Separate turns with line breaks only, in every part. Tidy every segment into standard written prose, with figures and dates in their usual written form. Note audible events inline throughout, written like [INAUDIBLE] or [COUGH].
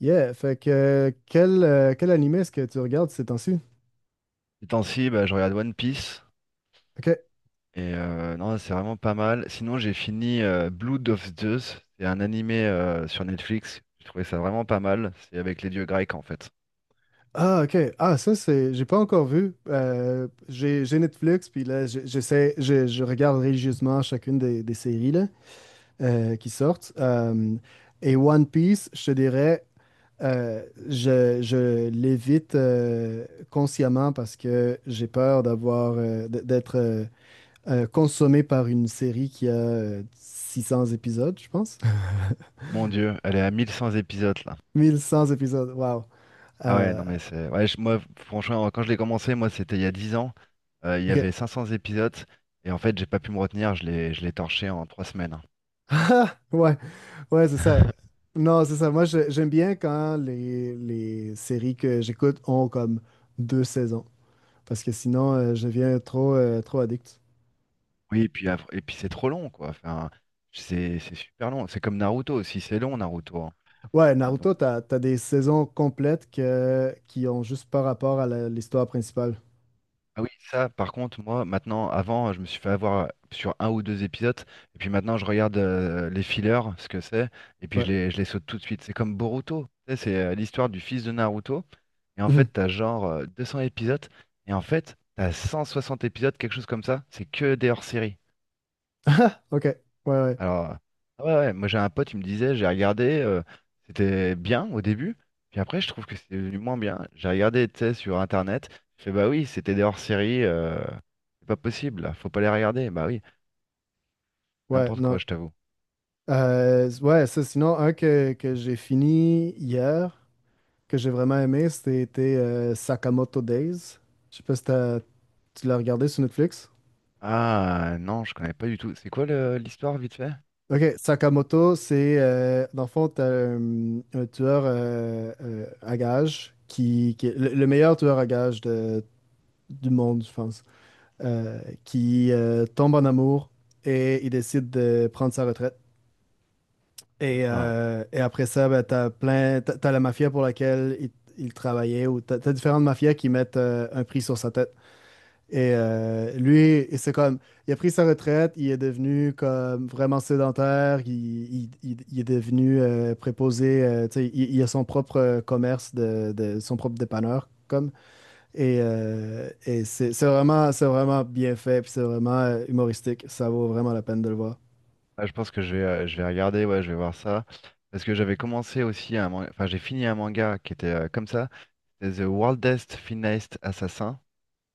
Yeah, fait que quel animé est-ce que tu regardes ces temps-ci?
Ces temps-ci, bah, je regarde One Piece
Ok.
et non, c'est vraiment pas mal. Sinon, j'ai fini Blood of Zeus. C'est un animé sur Netflix. J'ai trouvé ça vraiment pas mal. C'est avec les dieux grecs en fait.
Ah, ok. Ah, ça, c'est. J'ai pas encore vu. J'ai Netflix, puis là, j'essaie. Je regarde religieusement chacune des séries là, qui sortent. Et One Piece, je te dirais, euh, je l'évite consciemment parce que j'ai peur d'avoir. D'être consommé par une série qui a 600 épisodes, je pense.
Mon Dieu, elle est à 1100 épisodes là.
[LAUGHS] Mille cent épisodes, wow.
Ah ouais,
Euh,
non mais c'est. Ouais, moi, franchement, quand je l'ai commencé, moi, c'était il y a 10 ans. Il y
ok. [LAUGHS]
avait 500 épisodes et en fait, j'ai pas pu me retenir. Je l'ai torché en 3 semaines.
ouais, ouais, c'est ça.
[LAUGHS]
Non, c'est ça. Moi, j'aime bien quand les séries que j'écoute ont comme deux saisons. Parce que sinon, je deviens trop addict.
Oui, et puis, et puis c'est trop long quoi. Enfin, c'est super long. C'est comme Naruto aussi. C'est long Naruto, hein.
Ouais, Naruto, t'as des saisons complètes qui ont juste pas rapport à l'histoire principale.
Ah oui, ça, par contre, moi, maintenant, avant, je me suis fait avoir sur un ou deux épisodes, et puis maintenant, je regarde les fillers, ce que c'est, et puis
Ouais.
je les saute tout de suite. C'est comme Boruto, tu sais, c'est l'histoire du fils de Naruto, et en
Mhm.
fait, t'as genre 200 épisodes, et en fait, t'as 160 épisodes, quelque chose comme ça, c'est que des hors-séries.
[LAUGHS] Ok. Ouais, ouais.
Alors, ah ouais, ouais, moi j'ai un pote, il me disait, j'ai regardé, c'était bien au début, puis après je trouve que c'est devenu moins bien. J'ai regardé, tu sais, sur internet, je fais bah oui, c'était des hors-séries, c'est pas possible, là, faut pas les regarder, bah oui,
Ouais,
n'importe quoi,
non.
je t'avoue.
Ouais, ça, sinon, un que j'ai fini hier. Que j'ai vraiment aimé, c'était Sakamoto Days. Je sais pas si t'as- tu l'as regardé sur Netflix.
Ah non, je connais pas du tout. C'est quoi l'histoire vite fait?
Ok, Sakamoto, c'est dans le fond, un tueur à gages qui est le meilleur tueur à gages du monde, je pense, qui tombe en amour et il décide de prendre sa retraite.
Ah.
Et après ça, ben, t'as la mafia pour laquelle il travaillait ou t'as différentes mafias qui mettent un prix sur sa tête. Et lui, et c'est comme, il a pris sa retraite, il est devenu comme vraiment sédentaire, il est devenu préposé, tu sais, il a son propre commerce, son propre dépanneur, comme. Et c'est vraiment bien fait, puis c'est vraiment humoristique, ça vaut vraiment la peine de le voir.
Ah, je pense que je vais regarder, ouais, je vais voir ça. Parce que j'avais commencé aussi un manga, enfin j'ai fini un manga qui était comme ça, c'est The Wildest Finest Assassin.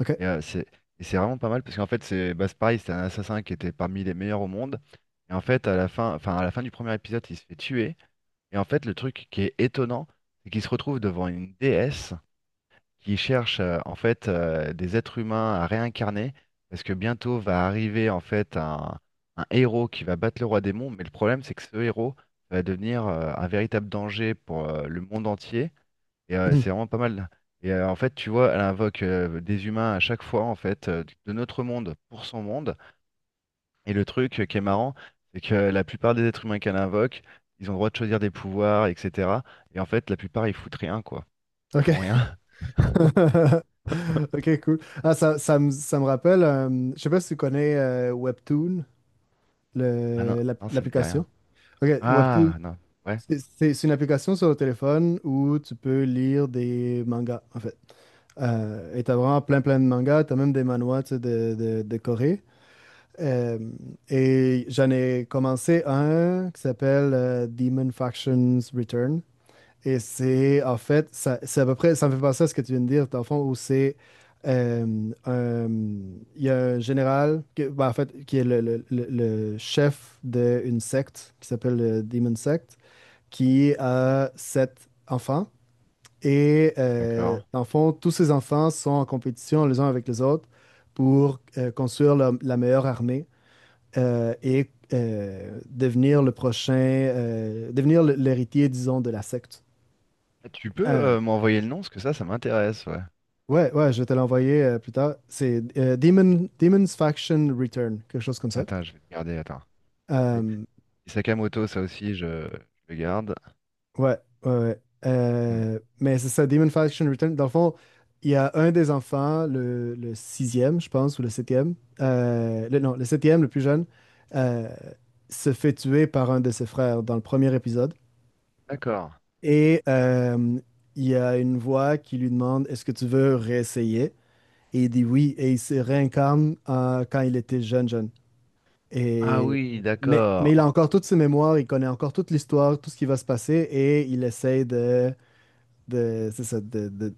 OK?
Et c'est et c'est vraiment pas mal parce qu'en fait, c'est bah, c'est pareil, c'était un assassin qui était parmi les meilleurs au monde. Et en fait, à la fin, enfin, à la fin du premier épisode, il se fait tuer. Et en fait, le truc qui est étonnant, c'est qu'il se retrouve devant une déesse qui cherche en fait des êtres humains à réincarner parce que bientôt va arriver en fait un héros qui va battre le roi démon. Mais le problème, c'est que ce héros va devenir un véritable danger pour le monde entier. Et
Hmm.
c'est vraiment pas mal. Et en fait, tu vois, elle invoque des humains à chaque fois, en fait, de notre monde pour son monde. Et le truc qui est marrant, c'est que la plupart des êtres humains qu'elle invoque, ils ont le droit de choisir des pouvoirs, etc. Et en fait, la plupart, ils foutent rien, quoi. Ils
OK.
font rien. [LAUGHS]
[LAUGHS] OK, cool. Ah, ça me rappelle, je sais pas si tu connais Webtoon,
Ah non, non, ça me dit
l'application.
rien.
OK, Webtoon.
Ah non, ouais,
C'est une application sur le téléphone où tu peux lire des mangas, en fait. Et t'as vraiment plein de mangas. T'as même des manhwas, tu sais, de Corée. Euh, et j'en ai commencé un qui s'appelle Demon Factions Return. Et c'est, en fait, c'est à peu près, ça me fait penser à ce que tu viens de dire, dans le fond, où c'est euh, un- il y a un général, ben, en fait, qui est le chef d'une secte qui s'appelle le Demon Sect qui a sept enfants. Et
d'accord.
dans le fond, tous ces enfants sont en compétition les uns avec les autres pour construire la meilleure armée et devenir le prochain, l'héritier, disons, de la secte.
Ah, tu peux
Euh,
m'envoyer le nom, parce que ça m'intéresse, ouais.
ouais, ouais, je vais te l'envoyer plus tard. C'est Demon's Faction Return, quelque chose comme ça.
Attends, je vais le garder, attends.
Euh,
Et Sakamoto, ça aussi, je le garde.
Ouais, ouais, ouais.
Et-
Mais c'est ça, Demon Faction Return. Dans le fond, il y a un des enfants, le sixième, je pense, ou le septième, le, non, le septième, le plus jeune, euh, se fait tuer par un de ses frères dans le premier épisode.
D'accord.
Et il y a une voix qui lui demande, est-ce que tu veux réessayer? Et il dit oui, et il se réincarne quand il était jeune, jeune.
Ah
Et...
oui,
Mais
d'accord.
il a encore toutes ses mémoires, il connaît encore toute l'histoire, tout ce qui va se passer, et il essaye c'est ça, de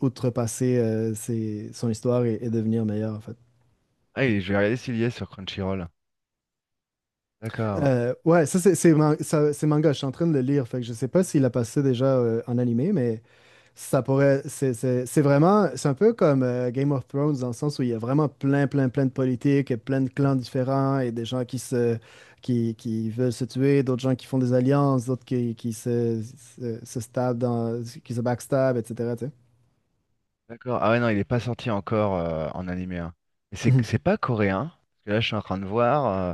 outrepasser son histoire et devenir meilleur, en fait.
Ah, je vais regarder s'il y est sur Crunchyroll. D'accord,
Ouais, ça, c'est manga. Je suis en train de le lire. Fait que je sais pas s'il a passé déjà en animé, mais ça pourrait. C'est vraiment. C'est un peu comme Game of Thrones dans le sens où il y a vraiment plein de politiques, et plein de clans différents et des gens qui se. Qui veulent se tuer, d'autres gens qui font des alliances, d'autres se stab dans, qui se backstab, etc. Tu
d'accord. Ah ouais, non, il est pas sorti encore en animé, hein. Et
sais.
c'est pas coréen, parce que là, je suis en train de voir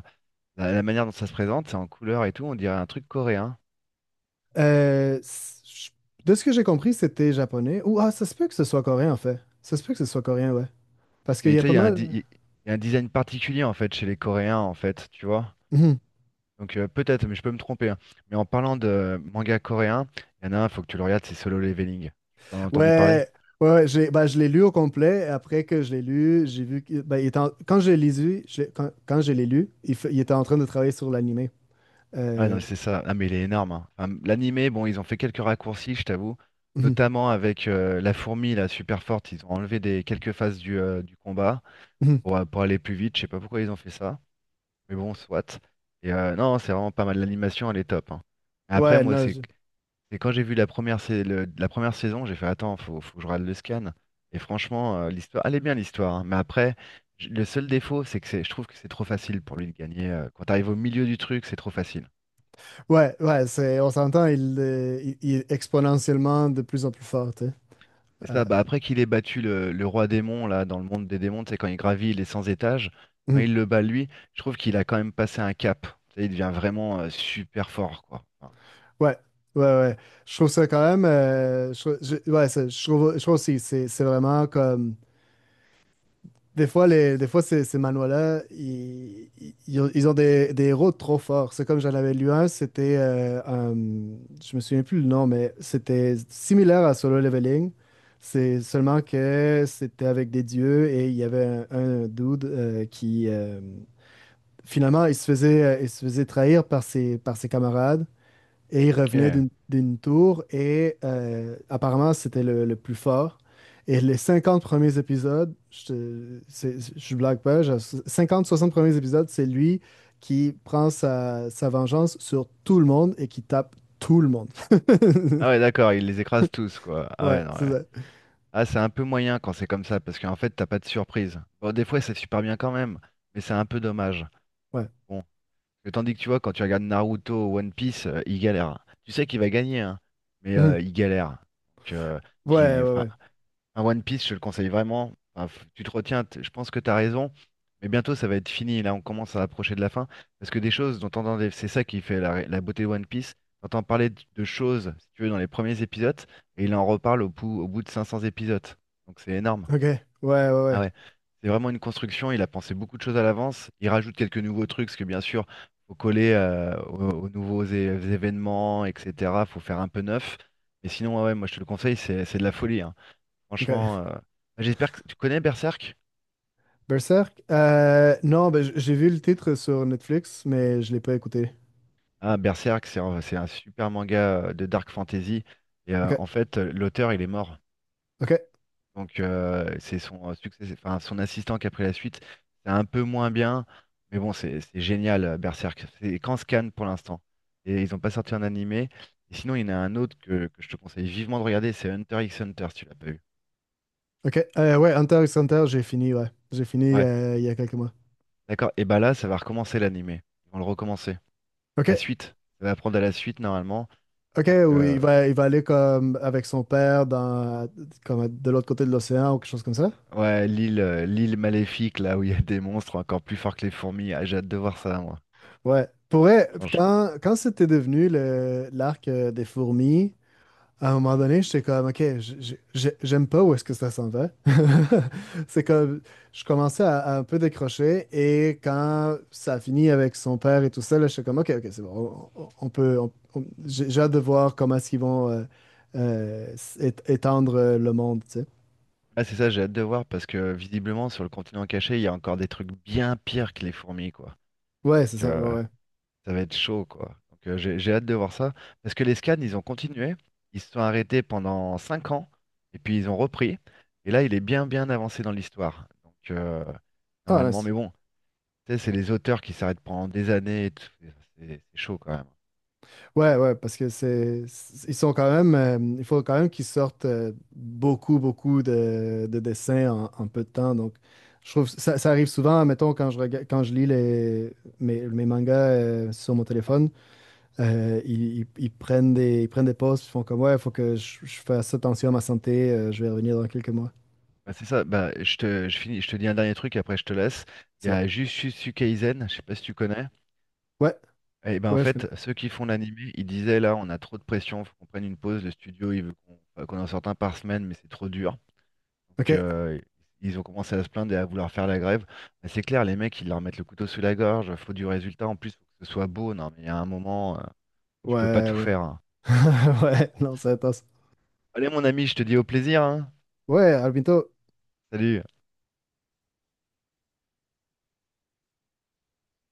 la manière dont ça se présente, c'est en couleur et tout, on dirait un truc coréen.
Euh, je- de ce que j'ai compris, c'était japonais. Ou ah, ça se peut que ce soit coréen en fait. Ça se peut que ce soit coréen, ouais. Parce qu'il
Parce
y
que, tu
a
sais,
pas
il y a un, di-
mal.
il il y a un design particulier, en fait, chez les Coréens, en fait, tu vois.
Mhm.
Donc peut-être, mais je peux me tromper, hein. Mais en parlant de manga coréen, il y en a un, faut que tu le regardes, c'est Solo Leveling. T'en as entendu parler?
Ouais, ouais, ouais, ben, je l'ai lu au complet. Après que je l'ai lu, j'ai vu que ben, il était quand je l'ai lu, quand je l'ai lu, il était en train de travailler sur l'animé.
Ah non,
Euh,
c'est ça. Ah mais il est énorme, hein. Enfin, l'animé, bon, ils ont fait quelques raccourcis, je t'avoue.
mhm,
Notamment avec la fourmi, la super forte, ils ont enlevé des quelques phases du combat
mhm.
pour aller plus vite. Je sais pas pourquoi ils ont fait ça, mais bon, soit. Et non, c'est vraiment pas mal. L'animation, elle est top, hein. Après,
Ouais,
moi,
non, je-
c'est quand j'ai vu la première, la première saison, j'ai fait attends, faut que je rate le scan. Et franchement, l'histoire, elle est bien l'histoire, hein. Mais après, le seul défaut, c'est que je trouve que c'est trop facile pour lui de gagner. Quand t'arrives au milieu du truc, c'est trop facile.
Ouais, ouais, c'est, on s'entend, il est exponentiellement de plus en plus fort, tu sais.
C'est
Euh,
ça, bah après qu'il ait battu le roi démon là dans le monde des démons, c'est quand il gravit les 100 étages, quand
mhm.
il le bat lui, je trouve qu'il a quand même passé un cap. Tu sais, il devient vraiment super fort quoi. Enfin,
Ouais, ouais, ouais. Je trouve ça quand même. Ouais, je trouve aussi, c'est vraiment comme. Des fois, les, des fois ces, ces manuels-là, ils ont des héros trop forts. C'est comme j'en avais lu un, c'était. Je me souviens plus le nom, mais c'était similaire à Solo Leveling. C'est seulement que c'était avec des dieux et il y avait un dude qui. Finalement, il se faisait trahir par par ses camarades. Et il revenait
ok.
d'une tour et apparemment c'était le plus fort. Et les 50 premiers épisodes, je blague pas, genre 50-60 premiers épisodes, c'est lui qui prend sa vengeance sur tout le monde et qui tape tout le monde. [LAUGHS]
Ah ouais d'accord, il les écrase tous quoi. Ah
Ouais,
ouais non
c'est
ouais.
ça.
Ah c'est un peu moyen quand c'est comme ça parce qu'en fait t'as pas de surprise. Bon des fois c'est super bien quand même, mais c'est un peu dommage.
Ouais.
Bon. Et tandis que tu vois quand tu regardes Naruto ou One Piece, il galère. Tu sais qu'il va gagner hein, mais
Mhm.
il galère. Donc,
Ouais, ouais,
puis enfin
ouais.
un One Piece, je te le conseille vraiment. Enfin, tu te retiens, je pense que tu as raison, mais bientôt ça va être fini. Là, on commence à approcher de la fin. Parce que des choses dont on entendait, c'est ça qui fait la, la beauté de One Piece. T'entends parler de choses, si tu veux, dans les premiers épisodes, et il en reparle au bout de 500 épisodes. Donc c'est énorme.
Ok. Ouais, ouais,
Ah
ouais.
ouais, c'est vraiment une construction. Il a pensé beaucoup de choses à l'avance. Il rajoute quelques nouveaux trucs, parce que bien sûr, faut coller aux nouveaux événements, etc. Faut faire un peu neuf. Mais sinon, ouais, ouais, moi je te le conseille, c'est de la folie, hein. Franchement,
Ok.
bah, j'espère que tu connais Berserk.
Berserk? Non, ben, j'ai vu le titre sur Netflix, mais je l'ai pas écouté.
Ah, Berserk, c'est un super manga de dark fantasy. Et
Ok.
en fait, l'auteur, il est mort.
Ok.
Donc, c'est son succès, enfin, son assistant qui a pris la suite. C'est un peu moins bien, mais bon, c'est génial, Berserk. C'est qu'en scan pour l'instant. Et ils n'ont pas sorti un animé. Et sinon, il y en a un autre que je te conseille vivement de regarder, c'est Hunter x Hunter, si tu l'as pas vu.
Ok. Ouais, Hunter x Hunter, j'ai fini, ouais. J'ai fini
Ouais,
il y a quelques mois.
d'accord. Et bah là, ça va recommencer l'animé. Ils vont le recommencer. La
Ok.
suite. Ça va prendre à la suite, normalement.
Ok,
Donc,
où il va aller comme avec son père dans, comme de l'autre côté de l'océan ou quelque chose comme ça.
ouais, l'île maléfique, là où il y a des monstres encore plus forts que les fourmis. Ah, j'ai hâte de voir ça, moi.
Ouais. Pour vrai,
Franchement.
quand c'était devenu l'arc des fourmis, à un moment donné, j'étais comme, OK, j'aime pas où est-ce que ça s'en va. [LAUGHS] C'est comme, je commençais à un peu décrocher et quand ça a fini avec son père et tout ça, là, j'étais comme, OK, OK, c'est bon, on peut, on- j'ai hâte de voir comment est-ce qu'ils vont étendre le monde, tu sais.
Ah, c'est ça, j'ai hâte de voir parce que visiblement, sur le continent caché, il y a encore des trucs bien pires que les fourmis, quoi.
Ouais, c'est
Tu
ça, ouais,
vois,
ouais.
ça va être chaud, quoi. Donc, j'ai hâte de voir ça parce que les scans, ils ont continué. Ils se sont arrêtés pendant 5 ans et puis ils ont repris. Et là, il est bien, bien avancé dans l'histoire. Donc,
Ah,
normalement,
nice.
mais bon, tu sais, c'est les auteurs qui s'arrêtent pendant des années et tout. C'est chaud, quand même, hein.
Ouais, ouais, parce que ils sont quand même, il faut quand même qu'ils sortent beaucoup de dessins en, en peu de temps. Donc, je trouve que ça arrive souvent, mettons, quand quand je lis mes mangas sur mon téléphone, ils prennent des pauses, ils font comme, ouais, il faut que je fasse attention à ma santé, je vais revenir dans quelques mois.
Bah, c'est ça, bah, je finis, je te dis un dernier truc, après je te laisse. Il y
C'est bon.
a Jujutsu Kaisen, je sais pas si tu connais.
Ouais,
Et ben en
ouais, je connais.
fait, ceux qui font l'anime, ils disaient là, on a trop de pression, faut qu'on prenne une pause. Le studio, il veut qu'on enfin, qu'on en sorte un par semaine, mais c'est trop dur. Donc
OK.
ils ont commencé à se plaindre et à vouloir faire la grève. Mais c'est clair, les mecs, ils leur mettent le couteau sous la gorge, faut du résultat en plus, faut que ce soit beau. Non, mais il y a un moment, tu peux pas
Ouais,
tout
ouais.
faire, hein.
[LAUGHS] Ouais, non, c'est intense.
Allez mon ami, je te dis au plaisir, hein.
Ouais, à bientôt
Salut.